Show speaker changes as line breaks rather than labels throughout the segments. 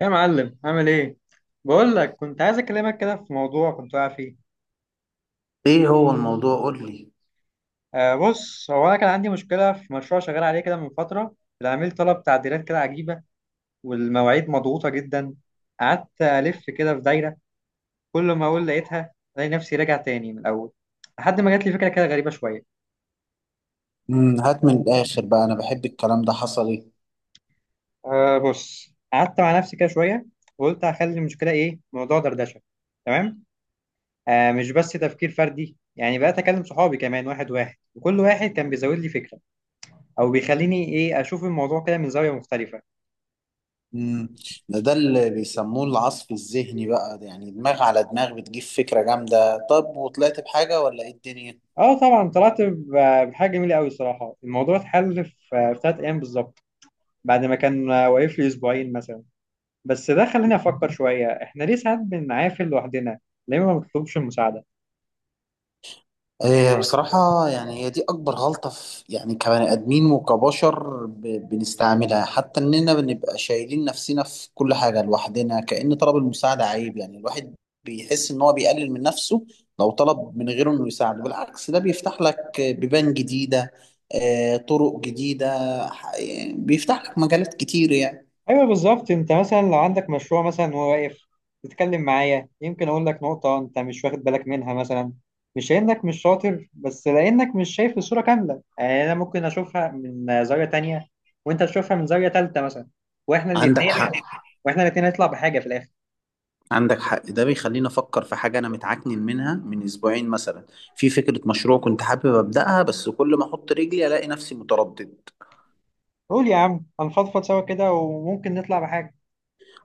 يا معلم عامل ايه؟ بقول لك كنت عايز اكلمك كده في موضوع كنت واقع فيه.
ايه هو الموضوع؟ قول لي.
بص، هو انا كان عندي مشكله في مشروع شغال عليه كده من فتره. العميل طلب تعديلات كده عجيبه، والمواعيد مضغوطه جدا. قعدت الف كده في دايره، كل ما اقول لقيتها الاقي نفسي راجع تاني من الاول، لحد ما جات لي فكره كده غريبه شويه.
هات من الآخر بقى، أنا بحب الكلام ده. حصل إيه؟
بص، قعدت مع نفسي كده شويه وقلت هخلي المشكله ايه موضوع دردشه. تمام. آه، مش بس تفكير فردي، يعني بقيت اكلم صحابي كمان واحد واحد، وكل واحد كان بيزود لي فكره او بيخليني ايه اشوف الموضوع كده من زاويه مختلفه.
امم ده اللي بيسموه العصف الذهني بقى، ده يعني دماغ على دماغ بتجيب فكرة جامدة. طب وطلعت بحاجة ولا إيه الدنيا؟
اه طبعا طلعت بحاجه جميله قوي الصراحه، الموضوع اتحل في 3 ايام بالظبط، بعد ما كان واقف لي اسبوعين مثلا. بس ده خلاني افكر شويه، احنا ليه ساعات بنعافل لوحدنا؟ ليه ما بنطلبش المساعده؟
إيه بصراحة، يعني هي دي أكبر غلطة في، يعني كبني آدمين وكبشر، بنستعملها، حتى إننا بنبقى شايلين نفسنا في كل حاجة لوحدنا، كأن طلب المساعدة عيب. يعني الواحد بيحس إن هو بيقلل من نفسه لو طلب من غيره إنه يساعده. بالعكس، ده بيفتح لك بيبان جديدة. طرق جديدة. يعني بيفتح لك مجالات كتير يعني.
ايوه بالظبط، انت مثلا لو عندك مشروع مثلا وهو واقف تتكلم معايا يمكن اقول لك نقطة انت مش واخد بالك منها مثلا. مش لانك مش شاطر، بس لانك مش شايف الصورة كاملة، يعني انا ممكن اشوفها من زاوية تانية وانت تشوفها من زاوية تالتة مثلا، واحنا
عندك
الاتنين
حق،
واحنا الاتنين نطلع بحاجة في الاخر.
عندك حق، ده بيخليني افكر في حاجه انا متعكنن منها من اسبوعين مثلا. في فكره مشروع كنت حابب ابداها، بس كل ما احط رجلي الاقي نفسي متردد.
قول يا عم، هنفضفض سوا كده وممكن نطلع بحاجة.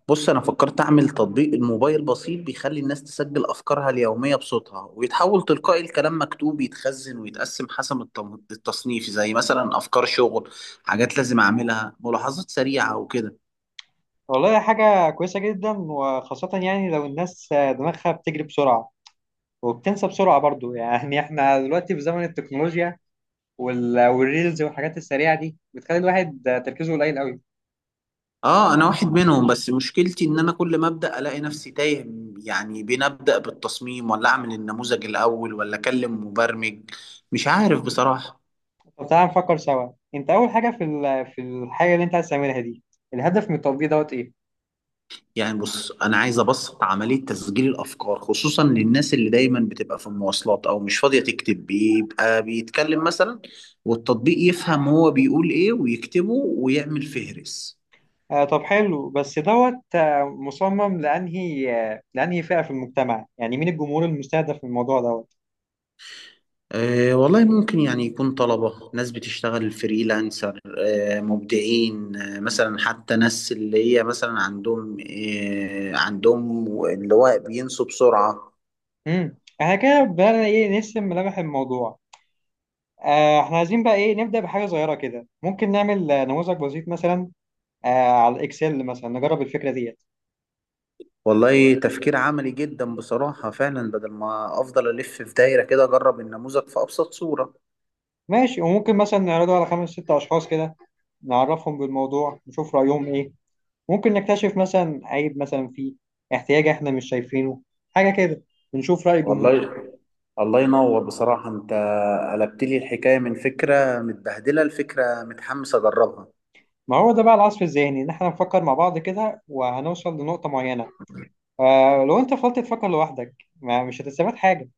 بص، انا فكرت اعمل تطبيق الموبايل بسيط بيخلي الناس تسجل افكارها اليوميه بصوتها، ويتحول تلقائي لكلام مكتوب يتخزن ويتقسم حسب التصنيف، زي مثلا افكار شغل، حاجات لازم اعملها، ملاحظات سريعه وكده.
والله حاجة كويسة جدا، وخاصة يعني لو الناس دماغها بتجري بسرعة وبتنسى بسرعة برضو. يعني احنا دلوقتي في زمن التكنولوجيا والريلز والحاجات السريعه دي بتخلي الواحد تركيزه قليل قوي.
اه، انا واحد منهم، بس مشكلتي ان انا كل ما ابدا الاقي نفسي تايه. يعني بين ابدا بالتصميم، ولا اعمل النموذج الاول، ولا اكلم مبرمج. مش عارف بصراحه.
طب تعالى نفكر سوا، انت اول حاجه في في الحاجه اللي انت عايز تعملها دي، الهدف من التطبيق دوت ايه؟
يعني بص، انا عايز ابسط عمليه تسجيل الافكار، خصوصا للناس اللي دايما بتبقى في المواصلات او مش فاضيه تكتب، بيبقى بيتكلم مثلا والتطبيق يفهم هو بيقول ايه ويكتبه ويعمل فهرس.
آه طب حلو، بس دوت مصمم لانهي فئه في المجتمع؟ يعني مين الجمهور المستهدف في الموضوع دوت؟
أه والله، ممكن يعني يكون طلبة، ناس بتشتغل فريلانسر، مبدعين، مثلا حتى ناس اللي هي مثلا عندهم، عندهم اللي هو بينسوا بسرعة.
احنا كده بدأنا ايه نرسم ملامح الموضوع. احنا عايزين بقى ايه نبدأ بحاجه صغيره كده، ممكن نعمل نموذج بسيط مثلا، على الاكسل مثلا نجرب الفكره دي.
والله تفكير عملي جدا بصراحة، فعلا بدل ما أفضل ألف في دايرة كده، أجرب النموذج في أبسط صورة.
ماشي، وممكن مثلا نعرضه على خمس ست أشخاص كده، نعرفهم بالموضوع نشوف رأيهم إيه، ممكن نكتشف مثلا عيب مثلا فيه، احتياج إحنا مش شايفينه، حاجة كده، ونشوف رأي الجمهور.
والله، الله ينور بصراحة، أنت قلبت لي الحكاية من فكرة متبهدلة لفكرة متحمس أجربها.
ما هو ده بقى العصف الذهني، إن إحنا نفكر مع بعض كده وهنوصل لنقطة معينة. آه لو أنت فضلت تفكر لوحدك ما مش هتستفاد حاجة.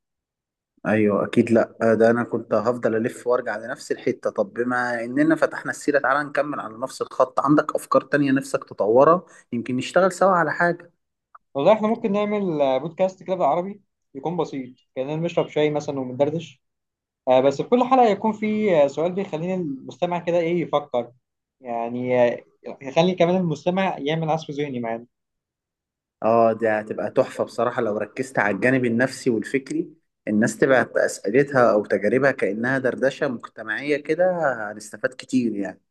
ايوه اكيد. لا، ده انا كنت هفضل الف وارجع لنفس الحته. طب بما اننا فتحنا السيره، تعالى نكمل على نفس الخط. عندك افكار تانية نفسك تطورها؟ يمكن نشتغل سوا على حاجه.
والله إحنا ممكن نعمل بودكاست كده بالعربي، يكون بسيط كأننا بنشرب شاي مثلا وبندردش. بس في كل حلقة يكون في سؤال بيخليني المستمع كده إيه يفكر، يعني آه، يخلي كمان المستمع يعمل عصف ذهني معانا.
اه، دي هتبقى تحفه بصراحه لو ركزت على الجانب النفسي والفكري. الناس تبعت اسئلتها او تجاربها كانها دردشه مجتمعيه كده، هنستفاد كتير يعني.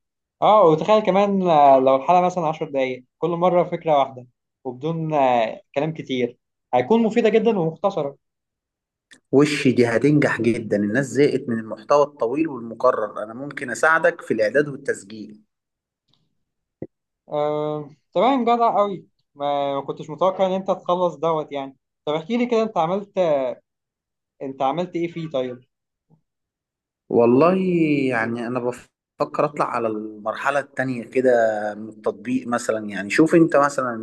اه وتخيل كمان، لو الحلقة مثلا 10 دقايق كل مرة فكرة واحدة، وبدون كلام كتير، هيكون مفيدة جدا ومختصرة.
وش دي هتنجح جدا، الناس زهقت من المحتوى الطويل والمكرر. انا ممكن اساعدك في الاعداد والتسجيل.
تمام جدع قوي، ما كنتش متوقع إن أنت تخلص دوت يعني. طب احكي لي كده، أنت عملت إيه فيه طيب؟
والله، يعني انا بفكر اطلع على المرحله التانية كده من التطبيق، مثلا يعني شوف انت مثلا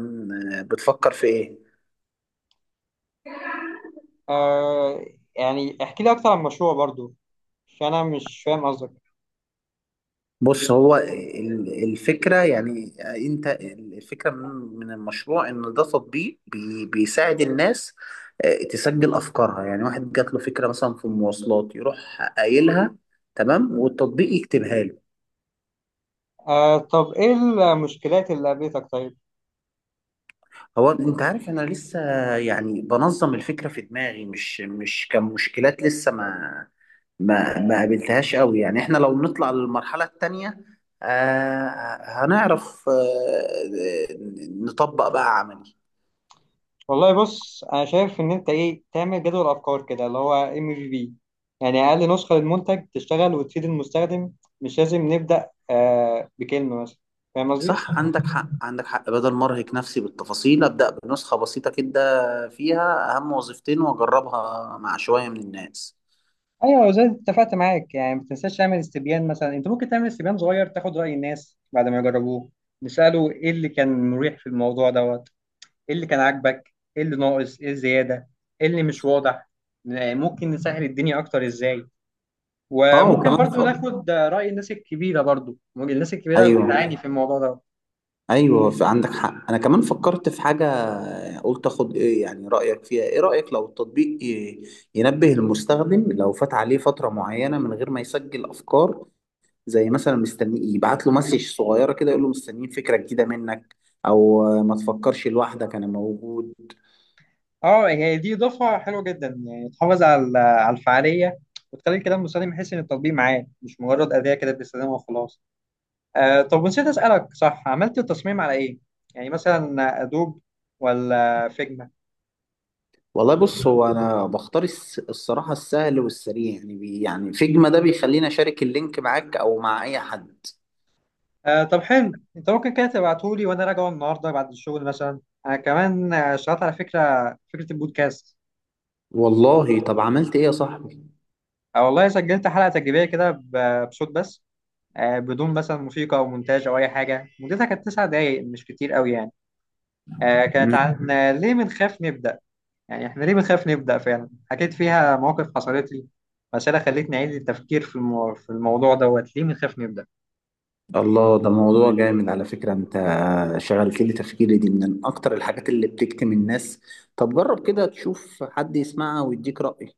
بتفكر في ايه.
آه، يعني احكي لي أكتر عن المشروع برضو، عشان أنا مش فاهم قصدك.
بص، هو الفكره، يعني انت، الفكره من المشروع ان ده تطبيق بيساعد الناس تسجل افكارها. يعني واحد جات له فكره مثلا في المواصلات يروح قايلها، تمام، والتطبيق يكتبها له.
آه طب ايه المشكلات اللي قابلتك طيب؟
هو انت عارف انا لسه، يعني بنظم الفكره في دماغي. مش كمشكلات لسه، ما قابلتهاش قوي، يعني احنا لو نطلع للمرحله التانيه هنعرف نطبق بقى عملي.
والله بص، انا شايف ان انت ايه تعمل جدول افكار كده، اللي هو ام في بي، يعني اقل نسخه للمنتج تشتغل وتفيد المستخدم، مش لازم نبدا بكلمه مثلا. فاهم قصدي؟
صح، عندك حق، عندك حق. بدل ما ارهق نفسي بالتفاصيل، ابدا بنسخه بسيطه كده فيها اهم وظيفتين واجربها مع شويه من الناس.
ايوه زي ما اتفقت معاك، يعني ما تنساش تعمل استبيان مثلا، انت ممكن تعمل استبيان صغير تاخد راي الناس بعد ما يجربوه، نساله ايه اللي كان مريح في الموضوع دوت، ايه اللي كان عاجبك، ايه اللي ناقص، ايه الزياده، ايه اللي مش واضح، ممكن نسهل الدنيا اكتر ازاي.
اه
وممكن
وكمان.
برضو ناخد رأي الناس الكبيرة، برضو الناس الكبيرة
ايوه،
بتعاني في الموضوع ده.
ايوه، عندك حق، انا كمان فكرت في حاجه. قلت اخد ايه يعني، رايك فيها؟ ايه رايك لو التطبيق ينبه المستخدم لو فات عليه فتره معينه من غير ما يسجل افكار، زي مثلا مستني يبعت له مسج صغيره كده، يقول له مستنيين فكره جديده منك، او ما تفكرش لوحدك انا موجود.
اه هي دي إضافة حلوة جدا، يعني تحافظ على الفعالية، وتخلي الكلام المستخدم يحس إن التطبيق معاه، مش مجرد أداة كده بيستخدمها وخلاص. آه طب نسيت أسألك، صح عملت التصميم على إيه؟ يعني مثلا أدوب ولا فيجما؟
والله بص، هو انا بختار الصراحه السهل والسريع، يعني بي يعني فيجما ده بيخليني اشارك اللينك معاك او مع اي حد.
آه طب حلو، أنت ممكن كده تبعتهولي وأنا راجعه النهاردة بعد الشغل مثلا. أنا كمان اشتغلت على فكرة، فكرة البودكاست.
والله، طب عملت ايه يا صاحبي؟
آه والله سجلت حلقة تجريبية كده بصوت بس، بدون مثلا موسيقى او مونتاج او اي حاجه، مدتها كانت 9 دقايق، مش كتير قوي يعني. كانت عن ليه بنخاف نبدا، يعني احنا ليه بنخاف نبدا فعلا، حكيت فيها مواقف حصلت لي، مسألة خلتني أعيد التفكير في في الموضوع دوت، ليه بنخاف نبدأ؟
الله، ده موضوع جامد على فكرة. انت شغلت لي تفكيري، دي من اكتر الحاجات اللي بتكتم الناس. طب جرب كده تشوف حد يسمعها ويديك رأي.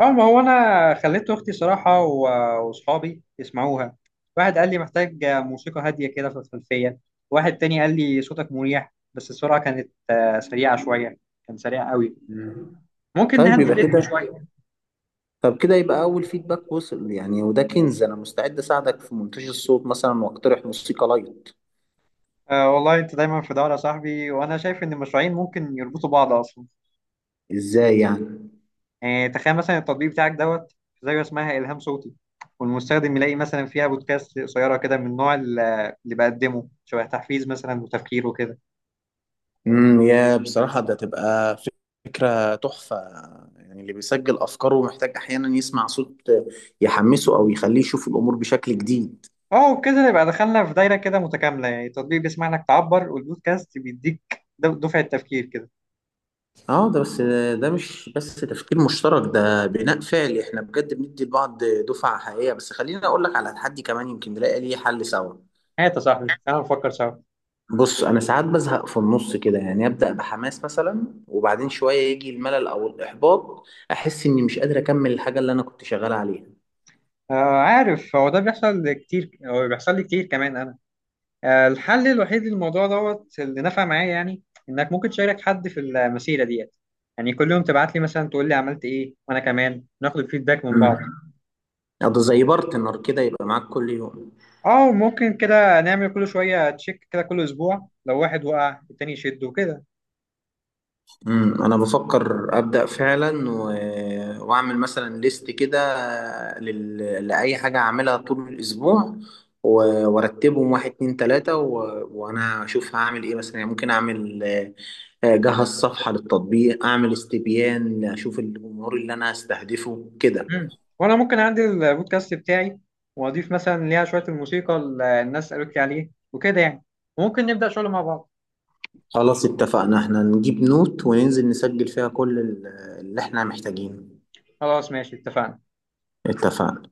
اه ما هو أنا خليت أختي صراحة وأصحابي يسمعوها، واحد قال لي محتاج موسيقى هادية كده في الخلفية، واحد تاني قال لي صوتك مريح بس السرعة كانت سريعة شوية، كان سريع قوي،
مم.
ممكن
طيب،
نهدي
يبقى
الريتم
كده.
شوية.
طب كده يبقى اول فيدباك وصل يعني، وده كنز. انا مستعد اساعدك في مونتاج الصوت مثلا واقترح موسيقى لايت.
أه والله انت دايما في دورة يا صاحبي، وانا شايف ان المشروعين ممكن يربطوا بعض اصلا،
ازاي يعني؟
يعني تخيل مثلا التطبيق بتاعك دوت، زي اسمها الهام صوتي، والمستخدم يلاقي مثلا فيها بودكاست قصيرة كده من النوع اللي بقدمه شبه تحفيز مثلا وتفكير وكده.
يا بصراحة ده تبقى فكرة تحفة. يعني اللي بيسجل أفكاره محتاج أحيانا يسمع صوت يحمسه أو يخليه يشوف الأمور بشكل جديد.
اه وبكده نبقى دخلنا في دايرة كده متكاملة، يعني التطبيق بيسمع لك تعبر والبودكاست بيديك دفعة تفكير كده.
اه، ده بس، ده مش بس تفكير مشترك، ده بناء فعلي. احنا بجد بندي لبعض دفعة حقيقية. بس خليني اقول لك على تحدي كمان يمكن نلاقي ليه حل سوا.
هات يا صاحبي تعال نفكر سوا.
بص، انا ساعات بزهق في النص كده، يعني ابدا بحماس مثلا وبعدين شوية يجي الملل او الاحباط، احس اني مش قادر اكمل الحاجة اللي انا كنت شغال عليها.
آه عارف، هو ده بيحصل كتير، هو بيحصل لي كتير كمان. الحل الوحيد للموضوع دوت اللي نفع معايا يعني، انك ممكن تشارك حد في المسيره ديت، يعني كل يوم تبعت لي مثلا تقول لي عملت ايه، وانا كمان ناخد الفيدباك من بعض.
امم ده زي بارتنر كده يبقى معاك كل يوم.
اه ممكن كده نعمل كل شويه تشيك كده كل اسبوع، لو واحد وقع التاني يشده وكده.
انا بفكر ابدا فعلا واعمل مثلا ليست كده لل... لاي حاجه اعملها طول الاسبوع، و... وارتبهم واحد اتنين تلاته، وانا اشوف هعمل ايه مثلا. يعني ممكن اعمل، اجهز صفحه للتطبيق، اعمل استبيان، اشوف الجمهور اللي انا هستهدفه كده.
مم. وانا ممكن اعدل البودكاست بتاعي واضيف مثلا ليها شويه الموسيقى اللي الناس قالت لي عليه وكده يعني، ممكن نبدا شغل مع بعض.
خلاص اتفقنا، احنا نجيب نوت وننزل نسجل فيها كل اللي احنا محتاجينه.
خلاص ماشي اتفقنا.
اتفقنا.